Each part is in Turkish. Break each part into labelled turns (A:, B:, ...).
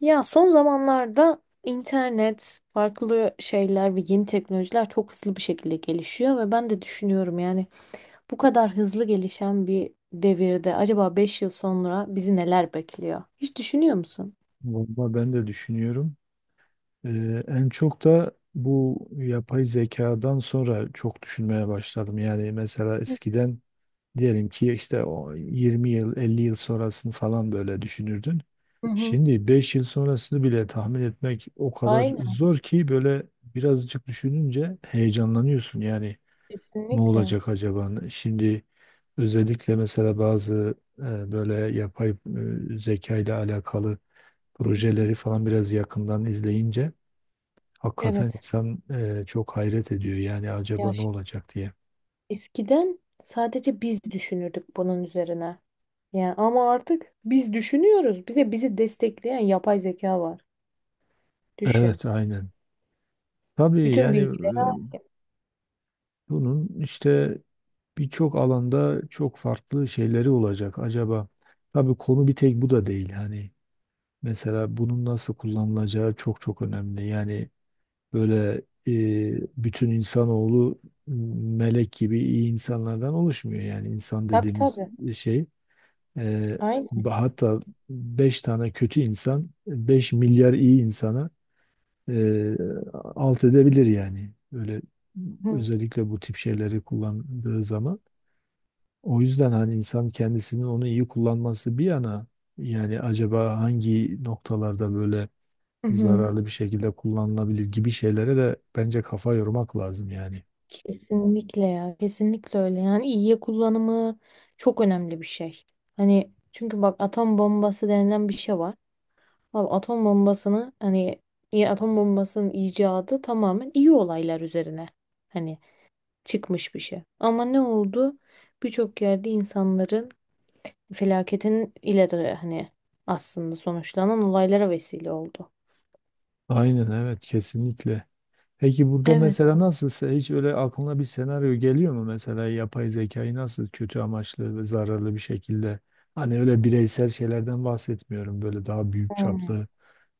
A: Ya son zamanlarda internet, farklı şeyler ve yeni teknolojiler çok hızlı bir şekilde gelişiyor ve ben de düşünüyorum yani bu kadar hızlı gelişen bir devirde acaba 5 yıl sonra bizi neler bekliyor? Hiç düşünüyor musun?
B: Valla ben de düşünüyorum. En çok da bu yapay zekadan sonra çok düşünmeye başladım. Yani mesela
A: Evet.
B: eskiden diyelim ki işte o 20 yıl, 50 yıl sonrasını falan böyle düşünürdün.
A: Hı hı.
B: Şimdi 5 yıl sonrasını bile tahmin etmek o kadar
A: Aynen,
B: zor ki böyle birazcık düşününce heyecanlanıyorsun. Yani ne
A: kesinlikle.
B: olacak acaba? Şimdi özellikle mesela bazı böyle yapay zeka ile alakalı projeleri falan biraz yakından izleyince hakikaten
A: Evet.
B: insan çok hayret ediyor. Yani acaba
A: Ya
B: ne
A: şimdi
B: olacak diye.
A: eskiden sadece biz düşünürdük bunun üzerine. Yani ama artık biz düşünüyoruz. Bir de bizi destekleyen yapay zeka var. Düşün.
B: Evet, aynen. Tabii
A: Bütün
B: yani
A: bilgileri.
B: bunun işte birçok alanda çok farklı şeyleri olacak acaba. Tabii konu bir tek bu da değil. Hani mesela bunun nasıl kullanılacağı çok çok önemli. Yani böyle bütün insanoğlu melek gibi iyi insanlardan oluşmuyor. Yani insan
A: Tabii
B: dediğimiz
A: tabii.
B: şey. Ee,
A: Aynen.
B: Hatta 5 tane kötü insan 5 milyar iyi insana e, alt edebilir yani. Öyle
A: Hı
B: özellikle bu tip şeyleri kullandığı zaman. O yüzden hani insan kendisinin onu iyi kullanması bir yana, yani acaba hangi noktalarda böyle
A: hı. Hı.
B: zararlı bir şekilde kullanılabilir gibi şeylere de bence kafa yormak lazım yani.
A: Kesinlikle ya. Kesinlikle öyle. Yani iyiye kullanımı çok önemli bir şey. Hani çünkü bak atom bombası denilen bir şey var. Abi atom bombasını hani iyi atom bombasının icadı tamamen iyi olaylar üzerine hani çıkmış bir şey. Ama ne oldu? Birçok yerde insanların felaketin ile hani aslında sonuçlanan olaylara vesile oldu.
B: Aynen, evet, kesinlikle. Peki burada
A: Evet.
B: mesela nasılsa hiç öyle aklına bir senaryo geliyor mu, mesela yapay zekayı nasıl kötü amaçlı ve zararlı bir şekilde, hani öyle bireysel şeylerden bahsetmiyorum, böyle daha büyük
A: Hmm.
B: çaplı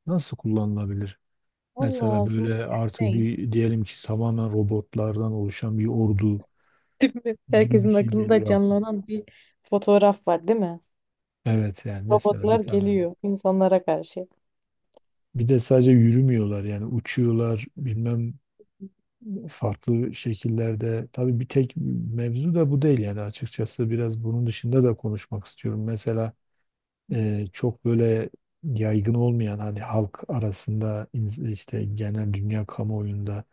B: nasıl kullanılabilir?
A: Allah
B: Mesela
A: olsun.
B: böyle artık bir diyelim ki tamamen robotlardan oluşan bir ordu
A: Değil mi?
B: gibi bir
A: Herkesin
B: şey
A: aklında
B: geliyor aklıma.
A: canlanan bir fotoğraf var, değil mi?
B: Evet yani mesela bir
A: Robotlar
B: tane.
A: geliyor insanlara karşı.
B: Bir de sadece yürümüyorlar, yani uçuyorlar bilmem farklı şekillerde, tabii bir tek mevzu da bu değil yani, açıkçası biraz bunun dışında da konuşmak istiyorum. Mesela çok böyle yaygın olmayan, hani halk arasında, işte genel dünya kamuoyunda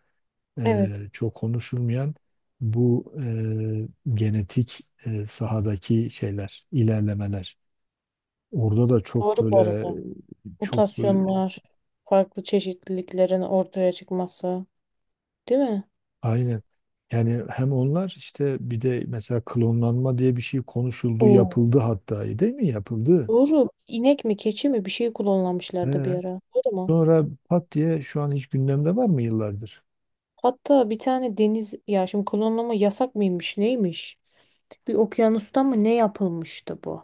A: Evet,
B: çok konuşulmayan bu genetik sahadaki şeyler, ilerlemeler. Orada da
A: doğru bu arada.
B: çok böyle.
A: Mutasyonlar, farklı çeşitliliklerin ortaya çıkması, değil mi?
B: Aynen. Yani hem onlar işte, bir de mesela klonlanma diye bir şey konuşuldu,
A: Oo.
B: yapıldı hatta, değil mi? Yapıldı.
A: Doğru. İnek mi, keçi mi bir şey klonlamışlardı bir
B: He.
A: ara. Doğru mu?
B: Sonra pat diye şu an hiç gündemde var mı yıllardır?
A: Hatta bir tane deniz ya şimdi klonlama yasak mıymış, neymiş? Bir okyanustan mı ne yapılmıştı bu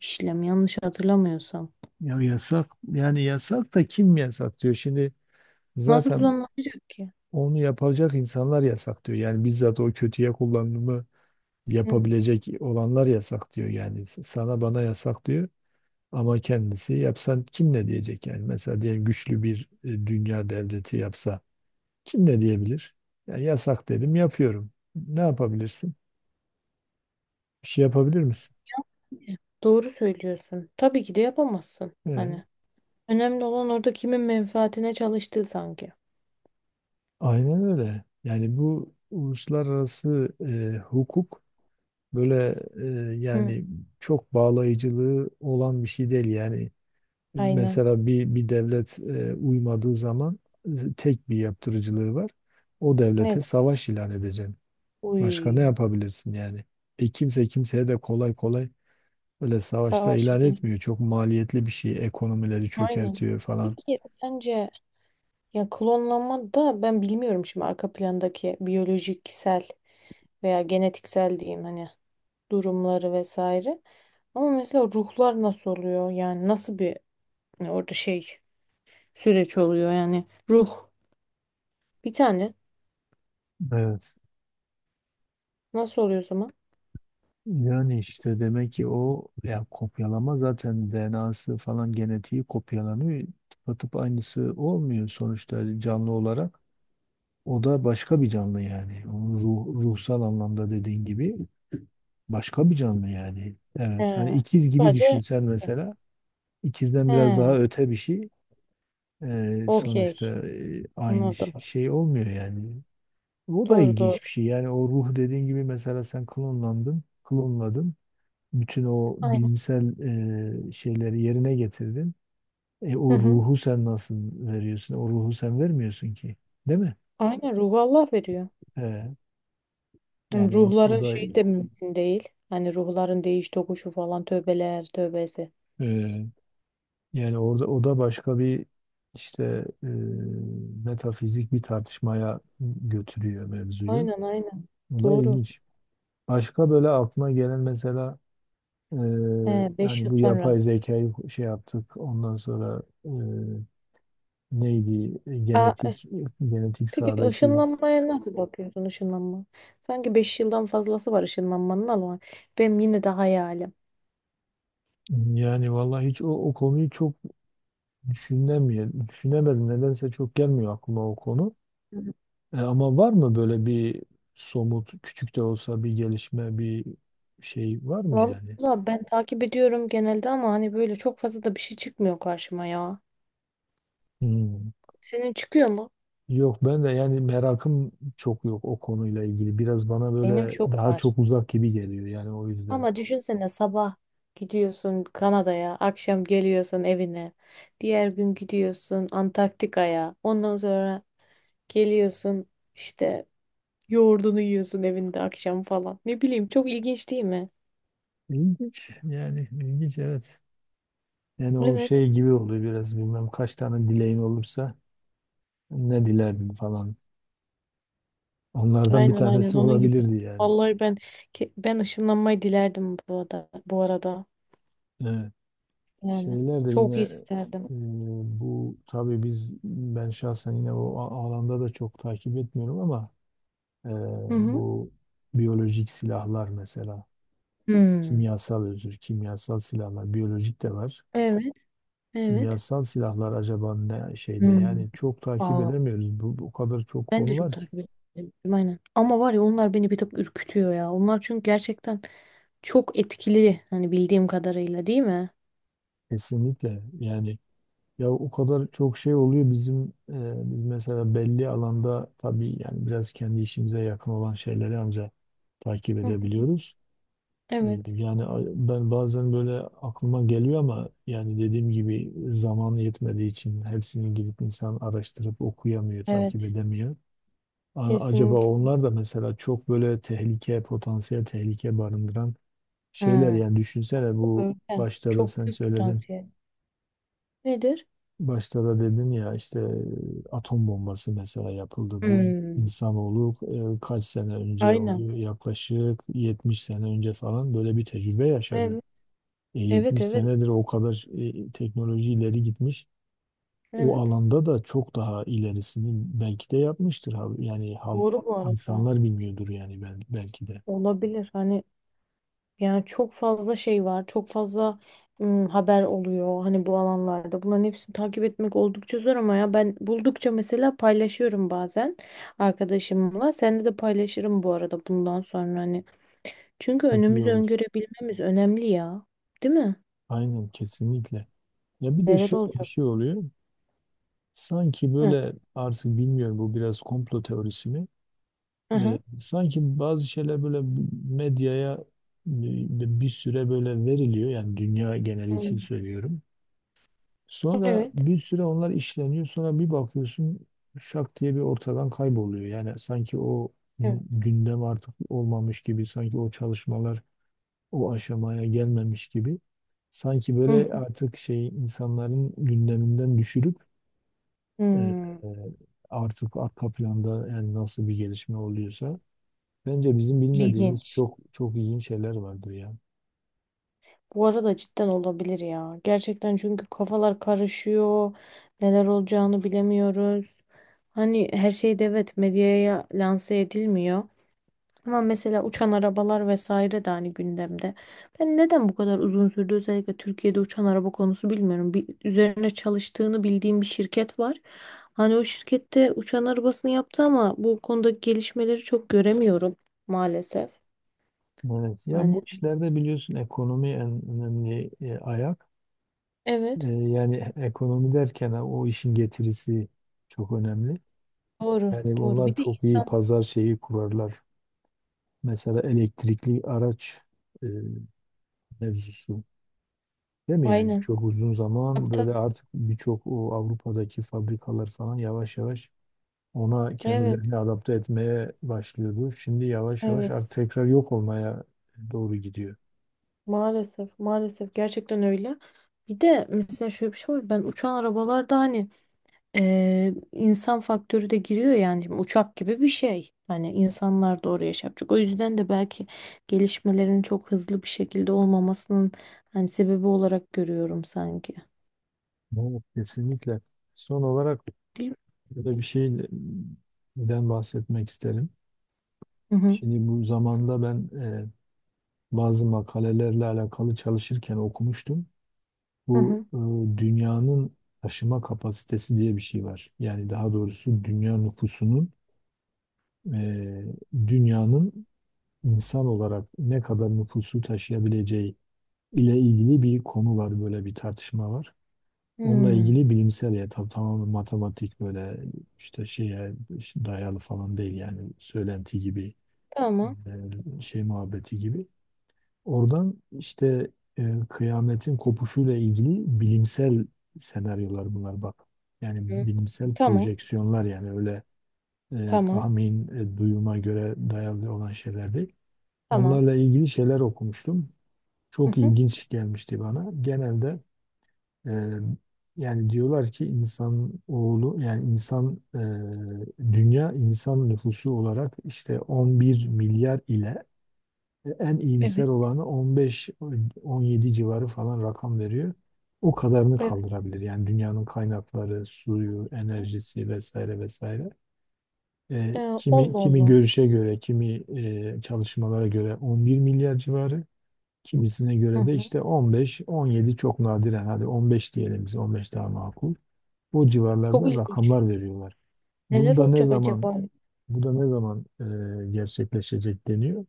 A: işlem yanlış hatırlamıyorsam.
B: Ya yasak, yani yasak da kim yasak diyor. Şimdi
A: Nasıl
B: zaten
A: klonlanacak ki?
B: onu yapacak insanlar yasak diyor. Yani bizzat o kötüye kullanımı yapabilecek olanlar yasak diyor. Yani sana bana yasak diyor. Ama kendisi yapsan kim ne diyecek yani? Mesela diyelim güçlü bir dünya devleti yapsa, kim ne diyebilir? Yani yasak dedim, yapıyorum. Ne yapabilirsin? Bir şey yapabilir misin?
A: Doğru söylüyorsun. Tabii ki de yapamazsın.
B: Ee,
A: Hani önemli olan orada kimin menfaatine çalıştığı sanki.
B: aynen öyle. Yani bu uluslararası hukuk böyle
A: Hı,
B: yani çok bağlayıcılığı olan bir şey değil. Yani
A: aynen.
B: mesela bir devlet uymadığı zaman tek bir yaptırıcılığı var. O
A: Ne?
B: devlete savaş ilan edeceksin. Başka ne
A: Uy.
B: yapabilirsin yani? Kimse kimseye de kolay kolay öyle savaşta
A: Savaş
B: ilan
A: yüzünden.
B: etmiyor. Çok maliyetli bir şey. Ekonomileri
A: Aynen.
B: çökertiyor falan.
A: Peki sence ya klonlanma da ben bilmiyorum şimdi arka plandaki biyolojiksel veya genetiksel diyeyim hani durumları vesaire. Ama mesela ruhlar nasıl oluyor? Yani nasıl bir hani orada şey süreç oluyor yani ruh bir tane
B: Evet.
A: nasıl oluyor o zaman?
B: Yani işte demek ki o ya kopyalama, zaten DNA'sı falan genetiği kopyalanıyor. Tıpatıp aynısı olmuyor sonuçta canlı olarak. O da başka bir canlı yani. Onun ruh, ruhsal anlamda dediğin gibi başka bir canlı yani. Evet. Hani
A: He.
B: ikiz gibi
A: Sadece
B: düşünsen mesela, ikizden biraz daha
A: he.
B: öte bir şey. Sonuçta
A: Okey.
B: aynı
A: Anladım.
B: şey olmuyor yani. O da
A: Doğru doğru.
B: ilginç bir şey. Yani o ruh dediğin gibi, mesela sen klonlandın, klonladın. Bütün o
A: Aynen.
B: bilimsel şeyleri yerine getirdin. E,
A: Hı
B: o
A: hı.
B: ruhu sen nasıl veriyorsun? O ruhu sen vermiyorsun ki. Değil mi?
A: Aynen ruhu Allah veriyor.
B: E,
A: Hem
B: Yani o
A: ruhların
B: da
A: şeyi de mümkün değil. Hani ruhların değiş tokuşu falan tövbeler tövbesi.
B: e, yani orada o da başka bir işte e, metafizik bir tartışmaya götürüyor mevzuyu.
A: Aynen aynen.
B: O da
A: Doğru.
B: ilginç. Başka böyle aklına gelen mesela. Ee,
A: He, beş
B: Yani
A: yıl
B: bu
A: sonra.
B: yapay zekayı şey yaptık. Ondan sonra neydi?
A: Aa, eh,
B: Genetik
A: peki
B: sahadaki,
A: ışınlanmaya nasıl bakıyorsun ışınlanma? Sanki 5 yıldan fazlası var ışınlanmanın ama benim yine de hayalim.
B: yani vallahi hiç o konuyu çok düşünemiyorum. Düşünemedim. Nedense çok gelmiyor aklıma o konu. Ama var mı böyle bir somut küçük de olsa bir gelişme, bir şey var mı yani?
A: Valla ben takip ediyorum genelde ama hani böyle çok fazla da bir şey çıkmıyor karşıma ya.
B: Hmm.
A: Senin çıkıyor mu?
B: Yok, ben de yani merakım çok yok o konuyla ilgili. Biraz bana
A: Benim
B: böyle
A: çok
B: daha
A: var.
B: çok uzak gibi geliyor yani, o yüzden.
A: Ama düşünsene sabah gidiyorsun Kanada'ya, akşam geliyorsun evine. Diğer gün gidiyorsun Antarktika'ya. Ondan sonra geliyorsun işte yoğurdunu yiyorsun evinde akşam falan. Ne bileyim çok ilginç değil mi?
B: İlginç yani, ilginç, evet. Yani o
A: Evet.
B: şey gibi oluyor biraz, bilmem kaç tane dileğin olursa ne dilerdin falan. Onlardan bir
A: Aynen aynen
B: tanesi
A: onun gibi.
B: olabilirdi yani.
A: Vallahi ben ben ışınlanmayı dilerdim bu arada. Bu arada
B: Evet.
A: yani
B: Şeyler de
A: çok
B: yine
A: isterdim.
B: e, bu tabii biz, ben şahsen yine o alanda da çok takip etmiyorum ama e,
A: Hı hı.
B: bu biyolojik silahlar mesela,
A: Hmm.
B: kimyasal, özür, kimyasal silahlar, biyolojik de var.
A: Evet, evet.
B: Kimyasal silahlar acaba ne şeyde,
A: Hmm.
B: yani çok takip
A: Aa.
B: edemiyoruz. Bu kadar çok
A: Ben de
B: konu
A: çok
B: var ki.
A: takip ediyorum aynen. Ama var ya onlar beni bir tık ürkütüyor ya. Onlar çünkü gerçekten çok etkili hani bildiğim kadarıyla değil mi?
B: Kesinlikle yani, ya o kadar çok şey oluyor bizim biz mesela belli alanda, tabii yani biraz kendi işimize yakın olan şeyleri ancak takip
A: Hı hı.
B: edebiliyoruz.
A: Evet.
B: Yani ben bazen böyle aklıma geliyor ama, yani dediğim gibi zaman yetmediği için hepsini gidip insan araştırıp okuyamıyor, takip
A: Evet.
B: edemiyor. Acaba
A: Kesinlikle.
B: onlar da mesela çok böyle tehlike, potansiyel tehlike barındıran
A: Hı.
B: şeyler, yani düşünsene, bu
A: Öyle.
B: başta da
A: Çok
B: sen
A: büyük
B: söyledin.
A: potansiyel. Nedir?
B: Başta da dedin ya işte atom bombası mesela yapıldı. Bu
A: Hmm.
B: insanoğlu kaç sene önce
A: Aynen.
B: oluyor? Yaklaşık 70 sene önce falan böyle bir tecrübe yaşadı.
A: Evet.
B: E,
A: Evet
B: 70
A: evet.
B: senedir o kadar teknoloji ileri gitmiş. O
A: Evet.
B: alanda da çok daha ilerisini belki de yapmıştır. Yani halk,
A: Doğru bu arada.
B: insanlar bilmiyordur yani, ben, belki de.
A: Olabilir. Hani yani çok fazla şey var, çok fazla haber oluyor hani bu alanlarda. Bunların hepsini takip etmek oldukça zor ama ya ben buldukça mesela paylaşıyorum bazen arkadaşımla. Seninle de paylaşırım bu arada bundan sonra hani. Çünkü
B: Çok iyi
A: önümüzü
B: olur.
A: öngörebilmemiz önemli ya. Değil mi?
B: Aynen, kesinlikle. Ya bir de
A: Neler
B: şöyle bir
A: olacak?
B: şey oluyor. Sanki
A: Hı.
B: böyle artık bilmiyorum, bu biraz komplo teorisi mi?
A: Hı hı.
B: Sanki bazı şeyler böyle medyaya bir süre böyle veriliyor, yani dünya geneli
A: Hmm.
B: için söylüyorum. Sonra
A: Evet.
B: bir süre onlar işleniyor, sonra bir bakıyorsun şak diye bir ortadan kayboluyor. Yani sanki o
A: Evet.
B: gündem artık olmamış gibi, sanki o çalışmalar o aşamaya gelmemiş gibi. Sanki
A: Hı hı.
B: böyle artık şey, insanların gündeminden düşürüp e, e,
A: Hmm.
B: artık arka planda yani nasıl bir gelişme oluyorsa. Bence bizim bilmediğimiz
A: İlginç.
B: çok çok iyi şeyler vardır ya.
A: Bu arada cidden olabilir ya. Gerçekten çünkü kafalar karışıyor. Neler olacağını bilemiyoruz. Hani her şey de evet medyaya lanse edilmiyor. Ama mesela uçan arabalar vesaire de hani gündemde. Ben neden bu kadar uzun sürdü özellikle Türkiye'de uçan araba konusu bilmiyorum. Bir, üzerine çalıştığını bildiğim bir şirket var. Hani o şirkette uçan arabasını yaptı ama bu konudaki gelişmeleri çok göremiyorum maalesef.
B: Evet. Ya
A: Hani
B: bu işlerde biliyorsun ekonomi en önemli ayak.
A: evet
B: Yani ekonomi derken o işin getirisi çok önemli.
A: doğru
B: Yani
A: doğru
B: onlar
A: bir de
B: çok iyi
A: insan.
B: pazar şeyi kurarlar. Mesela elektrikli araç e, mevzusu. Değil mi yani?
A: Aynen.
B: Çok uzun
A: Tabii,
B: zaman böyle
A: tabii.
B: artık birçok o Avrupa'daki fabrikalar falan yavaş yavaş ona
A: Evet,
B: kendilerini adapte etmeye başlıyordu. Şimdi yavaş yavaş
A: evet.
B: artık tekrar yok olmaya doğru gidiyor.
A: Maalesef, maalesef gerçekten öyle. Bir de mesela şöyle bir şey var. Ben uçan arabalarda hani insan faktörü de giriyor yani. Şimdi uçak gibi bir şey. Hani insanlar da oraya şey yapacak. O yüzden de belki gelişmelerin çok hızlı bir şekilde olmamasının hani sebebi olarak görüyorum sanki.
B: Evet, kesinlikle. Son olarak
A: Değil mi?
B: burada bir şeyden bahsetmek isterim.
A: Hı hı.
B: Şimdi bu zamanda ben bazı makalelerle alakalı çalışırken okumuştum.
A: Hı
B: Bu
A: hı.
B: dünyanın taşıma kapasitesi diye bir şey var. Yani daha doğrusu dünya nüfusunun e, dünyanın insan olarak ne kadar nüfusu taşıyabileceği ile ilgili bir konu var, böyle bir tartışma var. Onunla
A: Hmm.
B: ilgili bilimsel, ya tam tamamen matematik böyle işte şeye dayalı falan değil, yani söylenti gibi
A: Tamam.
B: şey muhabbeti gibi. Oradan işte kıyametin kopuşuyla ilgili bilimsel senaryolar bunlar, bak. Yani
A: Hı.
B: bilimsel
A: Tamam.
B: projeksiyonlar, yani öyle
A: Tamam.
B: tahmin, duyuma göre dayalı olan şeyler değil.
A: Tamam.
B: Onlarla ilgili şeyler okumuştum.
A: Hı
B: Çok
A: hı.
B: ilginç gelmişti bana. Genelde. Ee, Yani diyorlar ki insan oğlu, yani insan, dünya insan nüfusu olarak işte 11 milyar ile en iyimser
A: Evet.
B: olanı 15-17 civarı falan rakam veriyor. O kadarını
A: Evet.
B: kaldırabilir. Yani dünyanın kaynakları, suyu, enerjisi vesaire vesaire.
A: Ee,
B: Kimi
A: Allah
B: kimi
A: Allah.
B: görüşe göre, kimi çalışmalara göre 11 milyar civarı. Kimisine
A: Hı
B: göre de
A: hı.
B: işte 15, 17, çok nadiren, hadi 15 diyelim biz, 15 daha makul. O
A: Çok
B: civarlarda
A: ilginç.
B: rakamlar veriyorlar. Bunu
A: Neler
B: da ne
A: olacak
B: zaman
A: acaba?
B: Bu da ne zaman gerçekleşecek deniyor.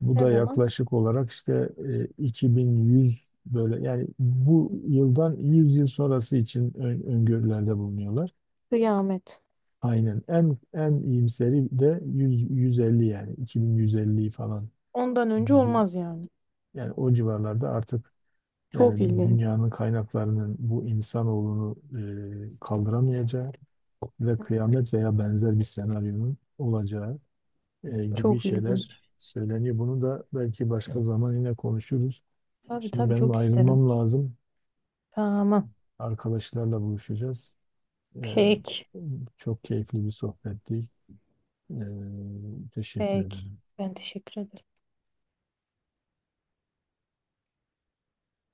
B: Bu
A: Ne
B: da
A: zaman?
B: yaklaşık olarak işte 2100 böyle, yani bu yıldan 100 yıl sonrası için öngörülerde bulunuyorlar.
A: Kıyamet.
B: Aynen, en iyimseri de 100, 150 yani 2150'yi falan
A: Ondan önce
B: gibi,
A: olmaz yani.
B: yani o civarlarda artık.
A: Çok
B: Yani
A: ilginç.
B: dünyanın kaynaklarının bu insanoğlunu kaldıramayacağı ve kıyamet veya benzer bir senaryonun olacağı gibi
A: Çok
B: şeyler
A: ilginç.
B: söyleniyor. Bunu da belki başka zaman yine konuşuruz.
A: Tabii
B: Şimdi
A: tabii
B: benim
A: çok isterim.
B: ayrılmam lazım.
A: Tamam.
B: Arkadaşlarla buluşacağız. E,
A: Peki.
B: çok keyifli bir sohbetti. Teşekkür
A: Peki.
B: ederim.
A: Ben teşekkür ederim.